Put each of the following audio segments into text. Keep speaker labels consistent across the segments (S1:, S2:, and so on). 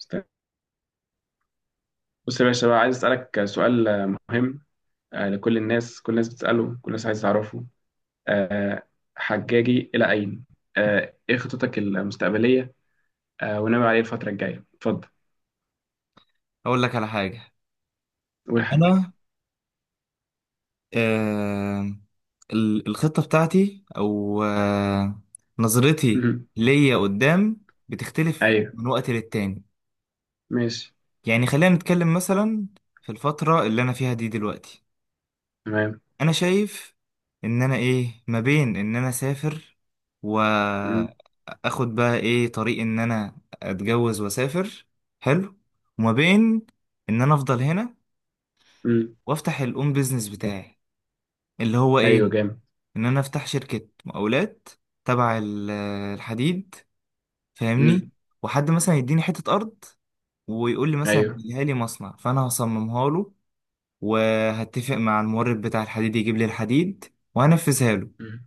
S1: استنى. بص يا باشا بقى عايز اسالك سؤال مهم. لكل الناس، كل الناس بتساله، كل الناس عايز تعرفه. آه، حجاجي الى اين؟ ايه خططك المستقبليه؟ وناوي عليه الفتره الجايه. اتفضل،
S2: اقول لك على حاجه.
S1: قول حاجه.
S2: انا آه الخطه بتاعتي او نظرتي
S1: مم.
S2: ليا قدام بتختلف
S1: ايوه.
S2: من وقت للتاني.
S1: ماشي.
S2: يعني خلينا نتكلم مثلا في الفتره اللي انا فيها دي دلوقتي،
S1: تمام.
S2: انا شايف ان انا ايه ما بين ان انا اسافر،
S1: مم.
S2: واخد بقى ايه طريق ان انا اتجوز واسافر، حلو، وما بين ان انا افضل هنا
S1: مم.
S2: وافتح الاون بيزنس بتاعي اللي هو
S1: ايوه،
S2: ايه،
S1: جامد.
S2: ان انا افتح شركة مقاولات تبع الحديد،
S1: مم.
S2: فاهمني؟ وحد مثلا يديني حتة ارض ويقول لي مثلا
S1: ايوه.
S2: هيها لي مصنع، فانا هصممها له وهتفق مع المورد بتاع الحديد يجيب لي الحديد وهنفذها له.
S1: مم.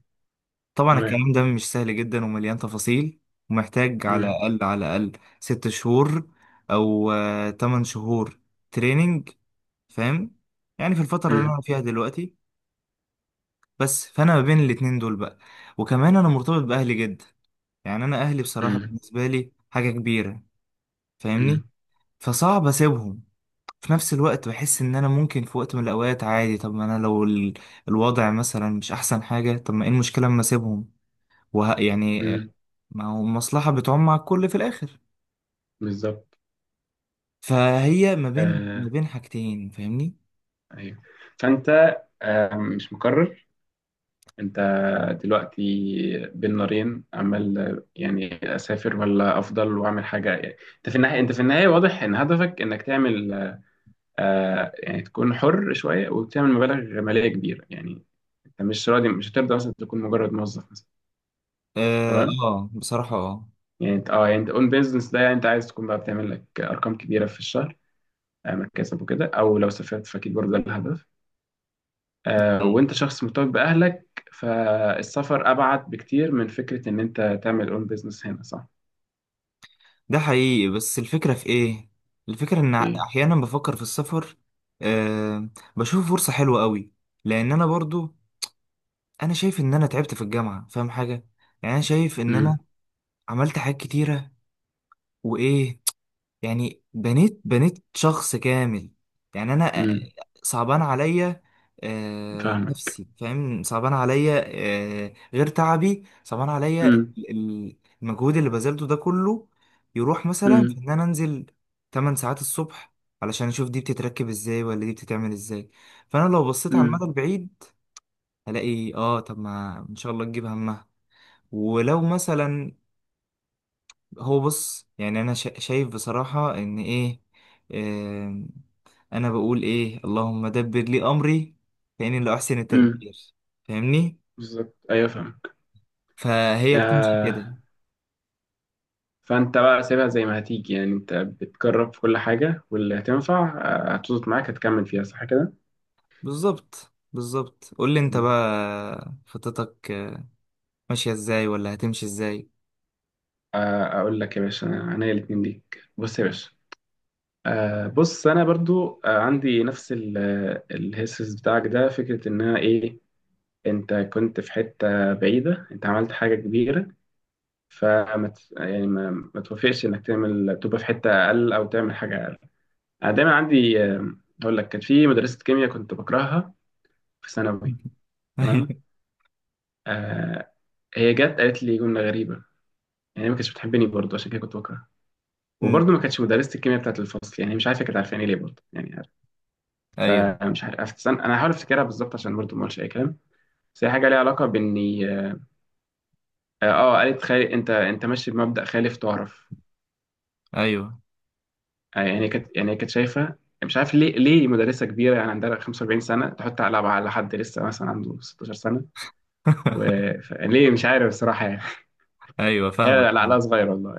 S2: طبعا
S1: تمام.
S2: الكلام ده مش سهل جدا ومليان تفاصيل، ومحتاج على
S1: مم.
S2: الاقل على الاقل ست شهور او تمن شهور تريننج، فاهم؟ يعني في الفترة اللي
S1: مم.
S2: انا فيها دلوقتي بس، فانا ما بين الاتنين دول بقى. وكمان انا مرتبط باهلي جدا، يعني انا اهلي بصراحة
S1: مم.
S2: بالنسبة لي حاجة كبيرة،
S1: مم.
S2: فاهمني؟ فصعب اسيبهم. في نفس الوقت بحس ان انا ممكن في وقت من الاوقات عادي، طب ما انا لو الوضع مثلا مش احسن حاجة، طب ما ايه المشكلة اما اسيبهم؟ يعني
S1: مم.
S2: ما هو المصلحة بتعم على الكل في الاخر.
S1: بالظبط.
S2: فهي ما بين ما
S1: آه،
S2: بين حاجتين، فاهمني؟
S1: ايوه. فانت مش مقرر. انت دلوقتي بين نارين، عمال يعني اسافر ولا افضل واعمل حاجه. يعني انت في النهايه، واضح ان هدفك انك تعمل يعني تكون حر شويه وتعمل مبالغ ماليه كبيره. يعني انت مش هترضى مثلا تكون مجرد موظف مثلا. تمام.
S2: بصراحة اه،
S1: يعني انت اه يعني انت اون بيزنس ده، يعني انت عايز تكون بقى بتعمل لك ارقام كبيره في الشهر. مكاسب وكده، او لو سافرت فاكيد برضه ده الهدف. وانت شخص مرتبط باهلك، فالسفر ابعد بكتير من فكره ان انت تعمل اون بيزنس هنا. صح؟
S2: ده حقيقي. بس الفكرة في ايه؟ الفكرة ان
S1: ايه.
S2: احيانا بفكر في السفر، آه، بشوف فرصة حلوة قوي، لان انا برضو انا شايف ان انا تعبت في الجامعه، فاهم حاجه؟ يعني انا شايف ان انا
S1: امم.
S2: عملت حاجات كتيره وايه، يعني بنيت شخص كامل. يعني انا
S1: امم.
S2: صعبان عليا،
S1: فاهمك.
S2: نفسي، فاهم؟ صعبان عليا، غير تعبي، صعبان عليا
S1: امم.
S2: المجهود اللي بذلته ده كله، يروح مثلا في
S1: امم.
S2: ان انا انزل 8 ساعات الصبح علشان اشوف دي بتتركب ازاي ولا دي بتتعمل ازاي. فانا لو بصيت على المدى
S1: امم.
S2: البعيد هلاقي اه، طب ما ان شاء الله تجيب همها. ولو مثلا، هو بص، يعني انا شايف بصراحة ان ايه، آم، انا بقول ايه: اللهم دبر لي امري فاني لا احسن
S1: امم.
S2: التدبير، فاهمني؟
S1: بالظبط. ايوه، فاهمك.
S2: فهي بتمشي
S1: آه
S2: كده.
S1: فانت بقى سيبها زي ما هتيجي. يعني انت بتجرب في كل حاجه، واللي هتنفع هتظبط معاك هتكمل فيها. صح كده؟
S2: بالظبط بالظبط. قول لي انت
S1: مم.
S2: بقى خطتك ماشية ازاي ولا هتمشي ازاي؟
S1: اقول لك يا باشا، انا الاتنين ليك. بص يا باشا، بص انا برضو عندي نفس الهيسس بتاعك ده. فكره انها ايه؟ انت كنت في حتة بعيدة، انت عملت حاجة كبيرة. فما يعني ما توافقش انك تعمل تبقى في حتة اقل او تعمل حاجة اقل. انا دايما عندي. اقول لك، كانت في مدرسة كيمياء كنت بكرهها في ثانوي.
S2: ايوه.
S1: تمام. آه هي جت قالت لي جملة غريبة. يعني هي ما كانتش بتحبني برضه، عشان كده كنت بكرهها.
S2: أمم.
S1: وبرضه ما كانتش مدرسة الكيمياء بتاعت الفصل، يعني مش عارفة كانت عارفاني ليه برضه، يعني عارف.
S2: ايوه.
S1: فمش عارف. انا هحاول افتكرها بالظبط، عشان برضه ما اقولش اي كلام. بس هي حاجة ليها علاقة باني، قالت خالي، انت ماشي بمبدأ خالف تعرف.
S2: ايوه.
S1: يعني هي كانت شايفه يعني. مش عارف ليه مدرسه كبيره يعني، عندها 45 سنه، تحط على حد لسه مثلا عنده 16 سنه. و... يعني ليه، مش عارف الصراحه يعني.
S2: ايوه
S1: هي
S2: فاهمك فاهمك
S1: عقلها صغير والله.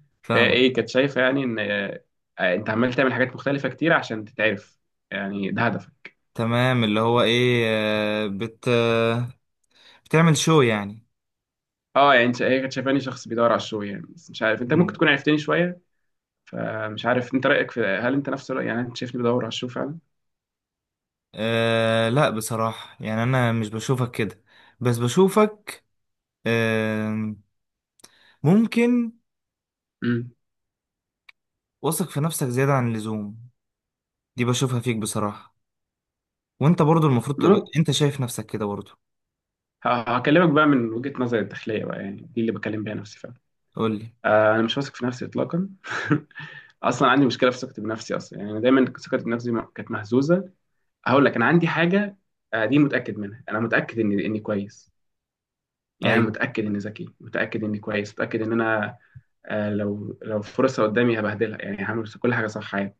S1: فهي
S2: فاهمك.
S1: ايه كانت شايفه؟ يعني ان انت عمال تعمل حاجات مختلفه كتير عشان تتعرف. يعني ده هدفك.
S2: تمام، اللي هو ايه آه، بت آه، بتعمل شو يعني.
S1: اه يعني هي كانت شايفاني شخص بيدور على الشو يعني. بس مش عارف انت، ممكن تكون عرفتني شويه. فمش عارف انت رايك في، هل انت نفس الراي؟ يعني انت شايفني بدور على الشو فعلا؟
S2: أه لا، بصراحة يعني أنا مش بشوفك كده، بس بشوفك أه ممكن
S1: امم.
S2: واثق في نفسك زيادة عن اللزوم. دي بشوفها فيك بصراحة، وأنت برضو المفروض تبقى
S1: ممكن.
S2: أنت شايف نفسك كده برضو.
S1: ه- هكلمك بقى من وجهه نظري الداخليه، بقى يعني دي اللي بكلم بيها نفسي فعلا.
S2: قولي.
S1: انا مش واثق في نفسي اطلاقا. اصلا عندي مشكله في ثقتي بنفسي اصلا، يعني أنا دايما ثقتي بنفسي كانت مهزوزه. هقول لك انا عندي حاجه، دي متاكد منها. انا متاكد اني كويس، يعني أنا
S2: أيوه.
S1: متاكد اني ذكي، متاكد اني كويس، متاكد ان انا لو فرصه قدامي هبهدلها، يعني هعمل كل حاجه صح عادي.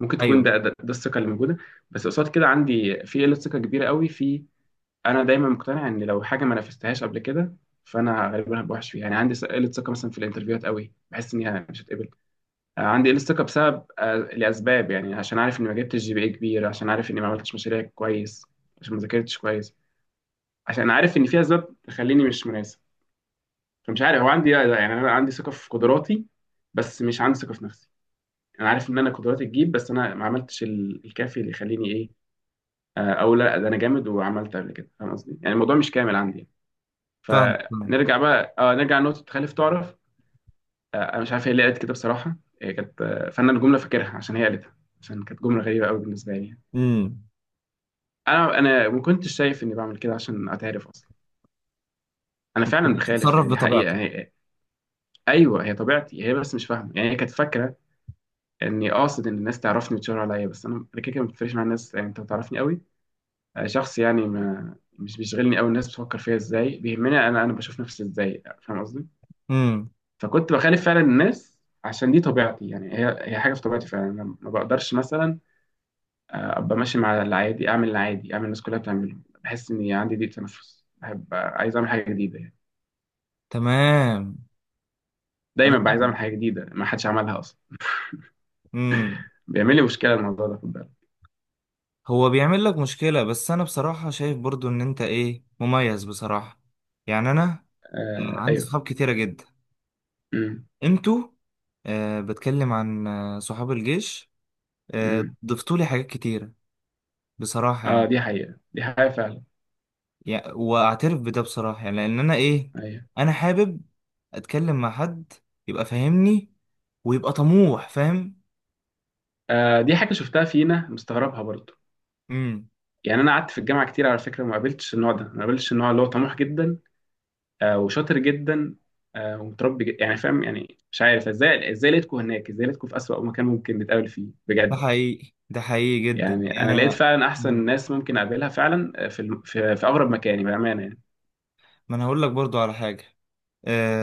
S1: ممكن تكون
S2: أيوه
S1: ده الثقه اللي موجوده. بس قصاد كده عندي في قله ثقه كبيره قوي في. انا دايما مقتنع ان لو حاجه ما نفذتهاش قبل كده، فانا غالبا هبقى وحش فيها. يعني عندي قله ثقه مثلا في الانترفيوهات قوي، بحس اني مش هتقبل. عندي الستوكا بسبب، لاسباب يعني. عشان عارف اني ما جبتش GPA كبير، عشان عارف اني ما عملتش مشاريع كويس، عشان ما ذاكرتش كويس، عشان عارف ان في اسباب تخليني مش مناسب. فمش عارف هو عندي، يعني انا عندي ثقه في قدراتي، بس مش عندي ثقه في نفسي. انا عارف ان انا قدراتي تجيب، بس انا ما عملتش الكافي اللي يخليني ايه، او لا، ده انا جامد وعملت قبل كده. فاهم قصدي؟ يعني الموضوع مش كامل عندي.
S2: فاهم فاهم.
S1: فنرجع بقى، نرجع لنقطه تخلف تعرف. انا مش عارف هي ليه قالت كده بصراحه. هي كانت، فانا الجمله فاكرها عشان هي قالتها، عشان كانت جمله غريبه قوي بالنسبه لي.
S2: امم.
S1: انا ما كنتش شايف اني بعمل كده عشان اتعرف اصلا. انا
S2: كنت
S1: فعلا بخالف
S2: بتتصرف
S1: يعني، دي حقيقه
S2: بطبيعتك.
S1: هي. ايوه، هي طبيعتي هي، بس مش فاهمه. يعني هي كانت فاكره اني قاصد ان الناس تعرفني وتشاور عليا، بس انا كده كده ما بتفرقش مع الناس. يعني انت بتعرفني قوي، شخص يعني، ما مش بيشغلني قوي الناس بتفكر فيا ازاي، بيهمني انا بشوف نفسي ازاي. فاهم قصدي؟
S2: امم.
S1: فكنت بخالف فعلا الناس، عشان دي طبيعتي. يعني هي هي حاجه في طبيعتي فعلا، أنا ما بقدرش مثلا ابقى ماشي مع العادي، اعمل العادي، اعمل الناس كلها بتعمله. بحس اني عندي ضيق تنفس، بحب، عايز اعمل حاجه جديده يعني.
S2: تمام أنا
S1: دايما بقى عايز اعمل
S2: فاهم.
S1: حاجه جديده ما حدش عملها اصلا.
S2: امم.
S1: بيعمل لي مشكله الموضوع ده، خد بالك.
S2: هو بيعمل لك مشكلة، بس أنا بصراحة شايف برضو إن أنت إيه مميز بصراحة. يعني أنا عندي
S1: ايوه.
S2: صحاب كتيرة جدا.
S1: امم.
S2: انتوا، بتكلم عن صحاب الجيش، آه
S1: امم.
S2: ضفتولي حاجات كتيرة بصراحة
S1: اه
S2: يعني،
S1: دي حقيقه، دي حقيقه فعلا.
S2: يعني واعترف بده بصراحة، يعني لان انا ايه،
S1: ايوه.
S2: انا حابب اتكلم مع حد يبقى فاهمني ويبقى طموح، فاهم؟
S1: دي حاجه شفتها فينا مستغربها برضه.
S2: امم.
S1: يعني انا قعدت في الجامعه كتير على فكره، ما قابلتش النوع ده، ما قابلتش النوع اللي هو طموح جدا وشاطر جدا ومتربي جدا. يعني فاهم، يعني مش عارف ازاي لقيتكم هناك، ازاي لقيتكم في اسوأ مكان ممكن نتقابل فيه
S2: ده
S1: بجد.
S2: حقيقي، ده حقيقي جدا،
S1: يعني
S2: يعني
S1: انا لقيت فعلا احسن
S2: مم.
S1: ناس ممكن اقابلها فعلا في اغرب مكاني بامانه يعني.
S2: ما انا هقول لك برضو على حاجة.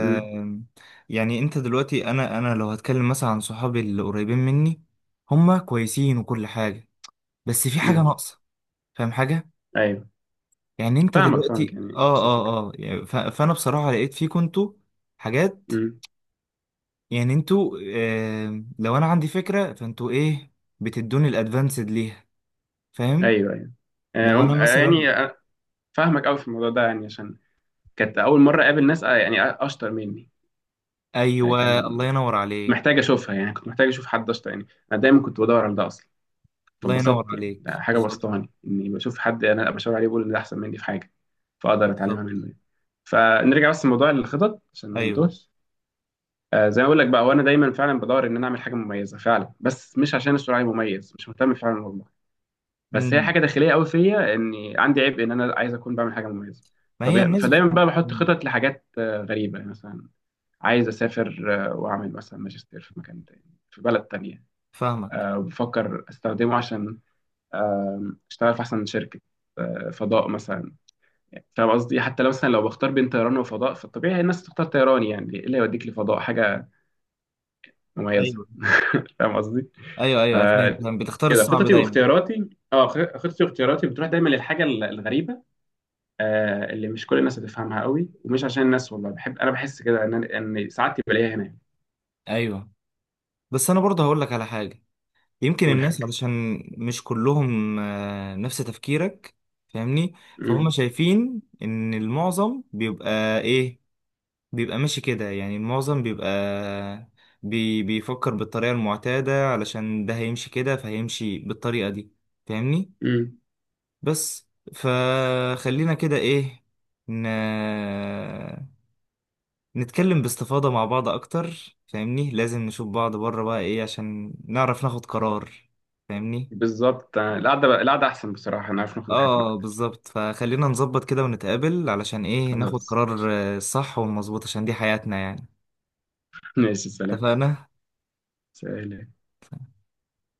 S1: امم.
S2: يعني انت دلوقتي، انا لو هتكلم مثلا عن صحابي اللي قريبين مني، هما كويسين وكل حاجة بس في حاجة
S1: امم.
S2: ناقصة، فاهم حاجة؟
S1: ايوه،
S2: يعني انت
S1: فاهمك، فاهمك،
S2: دلوقتي
S1: يعني نفس الفكره.
S2: يعني فانا بصراحة لقيت فيكم انتوا حاجات.
S1: امم.
S2: يعني انتوا لو انا عندي فكرة فانتوا ايه، بتدوني الادفانسد ليها، فاهم؟
S1: ايوه. ايوه. آه،
S2: لو انا
S1: هم- آه،
S2: مثلا.
S1: يعني آه، فاهمك قوي في الموضوع ده، يعني عشان كانت اول مره اقابل ناس يعني اشطر مني. آه، كان
S2: ايوه الله ينور
S1: كنت
S2: عليك.
S1: محتاج اشوفها. يعني كنت محتاج اشوف حد اشطر، يعني انا دايما كنت بدور على ده اصلا.
S2: الله ينور
S1: فاتبسطت يعني، ده
S2: عليك.
S1: حاجه
S2: بالظبط.
S1: بسطاني اني بشوف حد انا ابقى شاور عليه، بقول ان ده احسن مني في حاجه، فاقدر اتعلمها منه
S2: بالظبط.
S1: يعني. فنرجع بس لموضوع الخطط عشان ما
S2: ايوه.
S1: ننتهش. زي ما اقول لك بقى، وانا دايما فعلا بدور ان انا اعمل حاجه مميزه فعلا، بس مش عشان السرعه مميز، مش مهتم فعلا والله. بس هي
S2: امم.
S1: حاجه داخليه قوي فيا، اني عندي عيب ان انا عايز اكون بعمل حاجه مميزه.
S2: ما هي الناس
S1: فدايما بقى بحط
S2: مم.
S1: خطط لحاجات غريبه، يعني مثلا عايز اسافر واعمل مثلا ماجستير في مكان تاني، في بلد تانية.
S2: فاهمك.
S1: بفكر استخدمه عشان آه، اشتغل في احسن شركه، فضاء مثلا. يعني فاهم قصدي، حتى لو مثلا بختار بين طيران وفضاء فالطبيعي الناس تختار طيران. يعني ايه اللي يوديك لفضاء؟ حاجه مميزه.
S2: ايوه.
S1: فاهم قصدي؟
S2: ايوه ايوه فاهم فاهم. بتختار
S1: فكده
S2: الصعب دايما.
S1: خططي واختياراتي بتروح دايما للحاجه الغريبه، اللي مش كل الناس هتفهمها قوي. ومش عشان الناس والله، بحب انا، بحس كده ان ان ساعات بلاقيها هنا.
S2: ايوه. بس انا برضه هقول لك على حاجة، يمكن
S1: اول
S2: الناس
S1: حاجه.
S2: علشان مش كلهم نفس تفكيرك، فاهمني؟ فهم
S1: امم.
S2: شايفين ان المعظم بيبقى ايه، بيبقى ماشي كده. يعني المعظم بيبقى بيفكر بالطريقة المعتادة، علشان ده هيمشي كده فهيمشي بالطريقة دي، فاهمني؟
S1: امم.
S2: بس، فخلينا كده ايه، ن... نتكلم باستفاضة مع بعض اكتر، فاهمني؟ لازم نشوف بعض بره بقى ايه عشان نعرف ناخد قرار، فاهمني؟
S1: بالظبط. القعده، القعده احسن بصراحه، انا عارف ناخد راحتنا
S2: اه
S1: اكتر.
S2: بالظبط، فخلينا نظبط كده ونتقابل علشان ايه ناخد
S1: خلاص.
S2: قرار صح ومظبوط، عشان دي حياتنا يعني.
S1: ماشي، سلام.
S2: اتفقنا.
S1: سلام.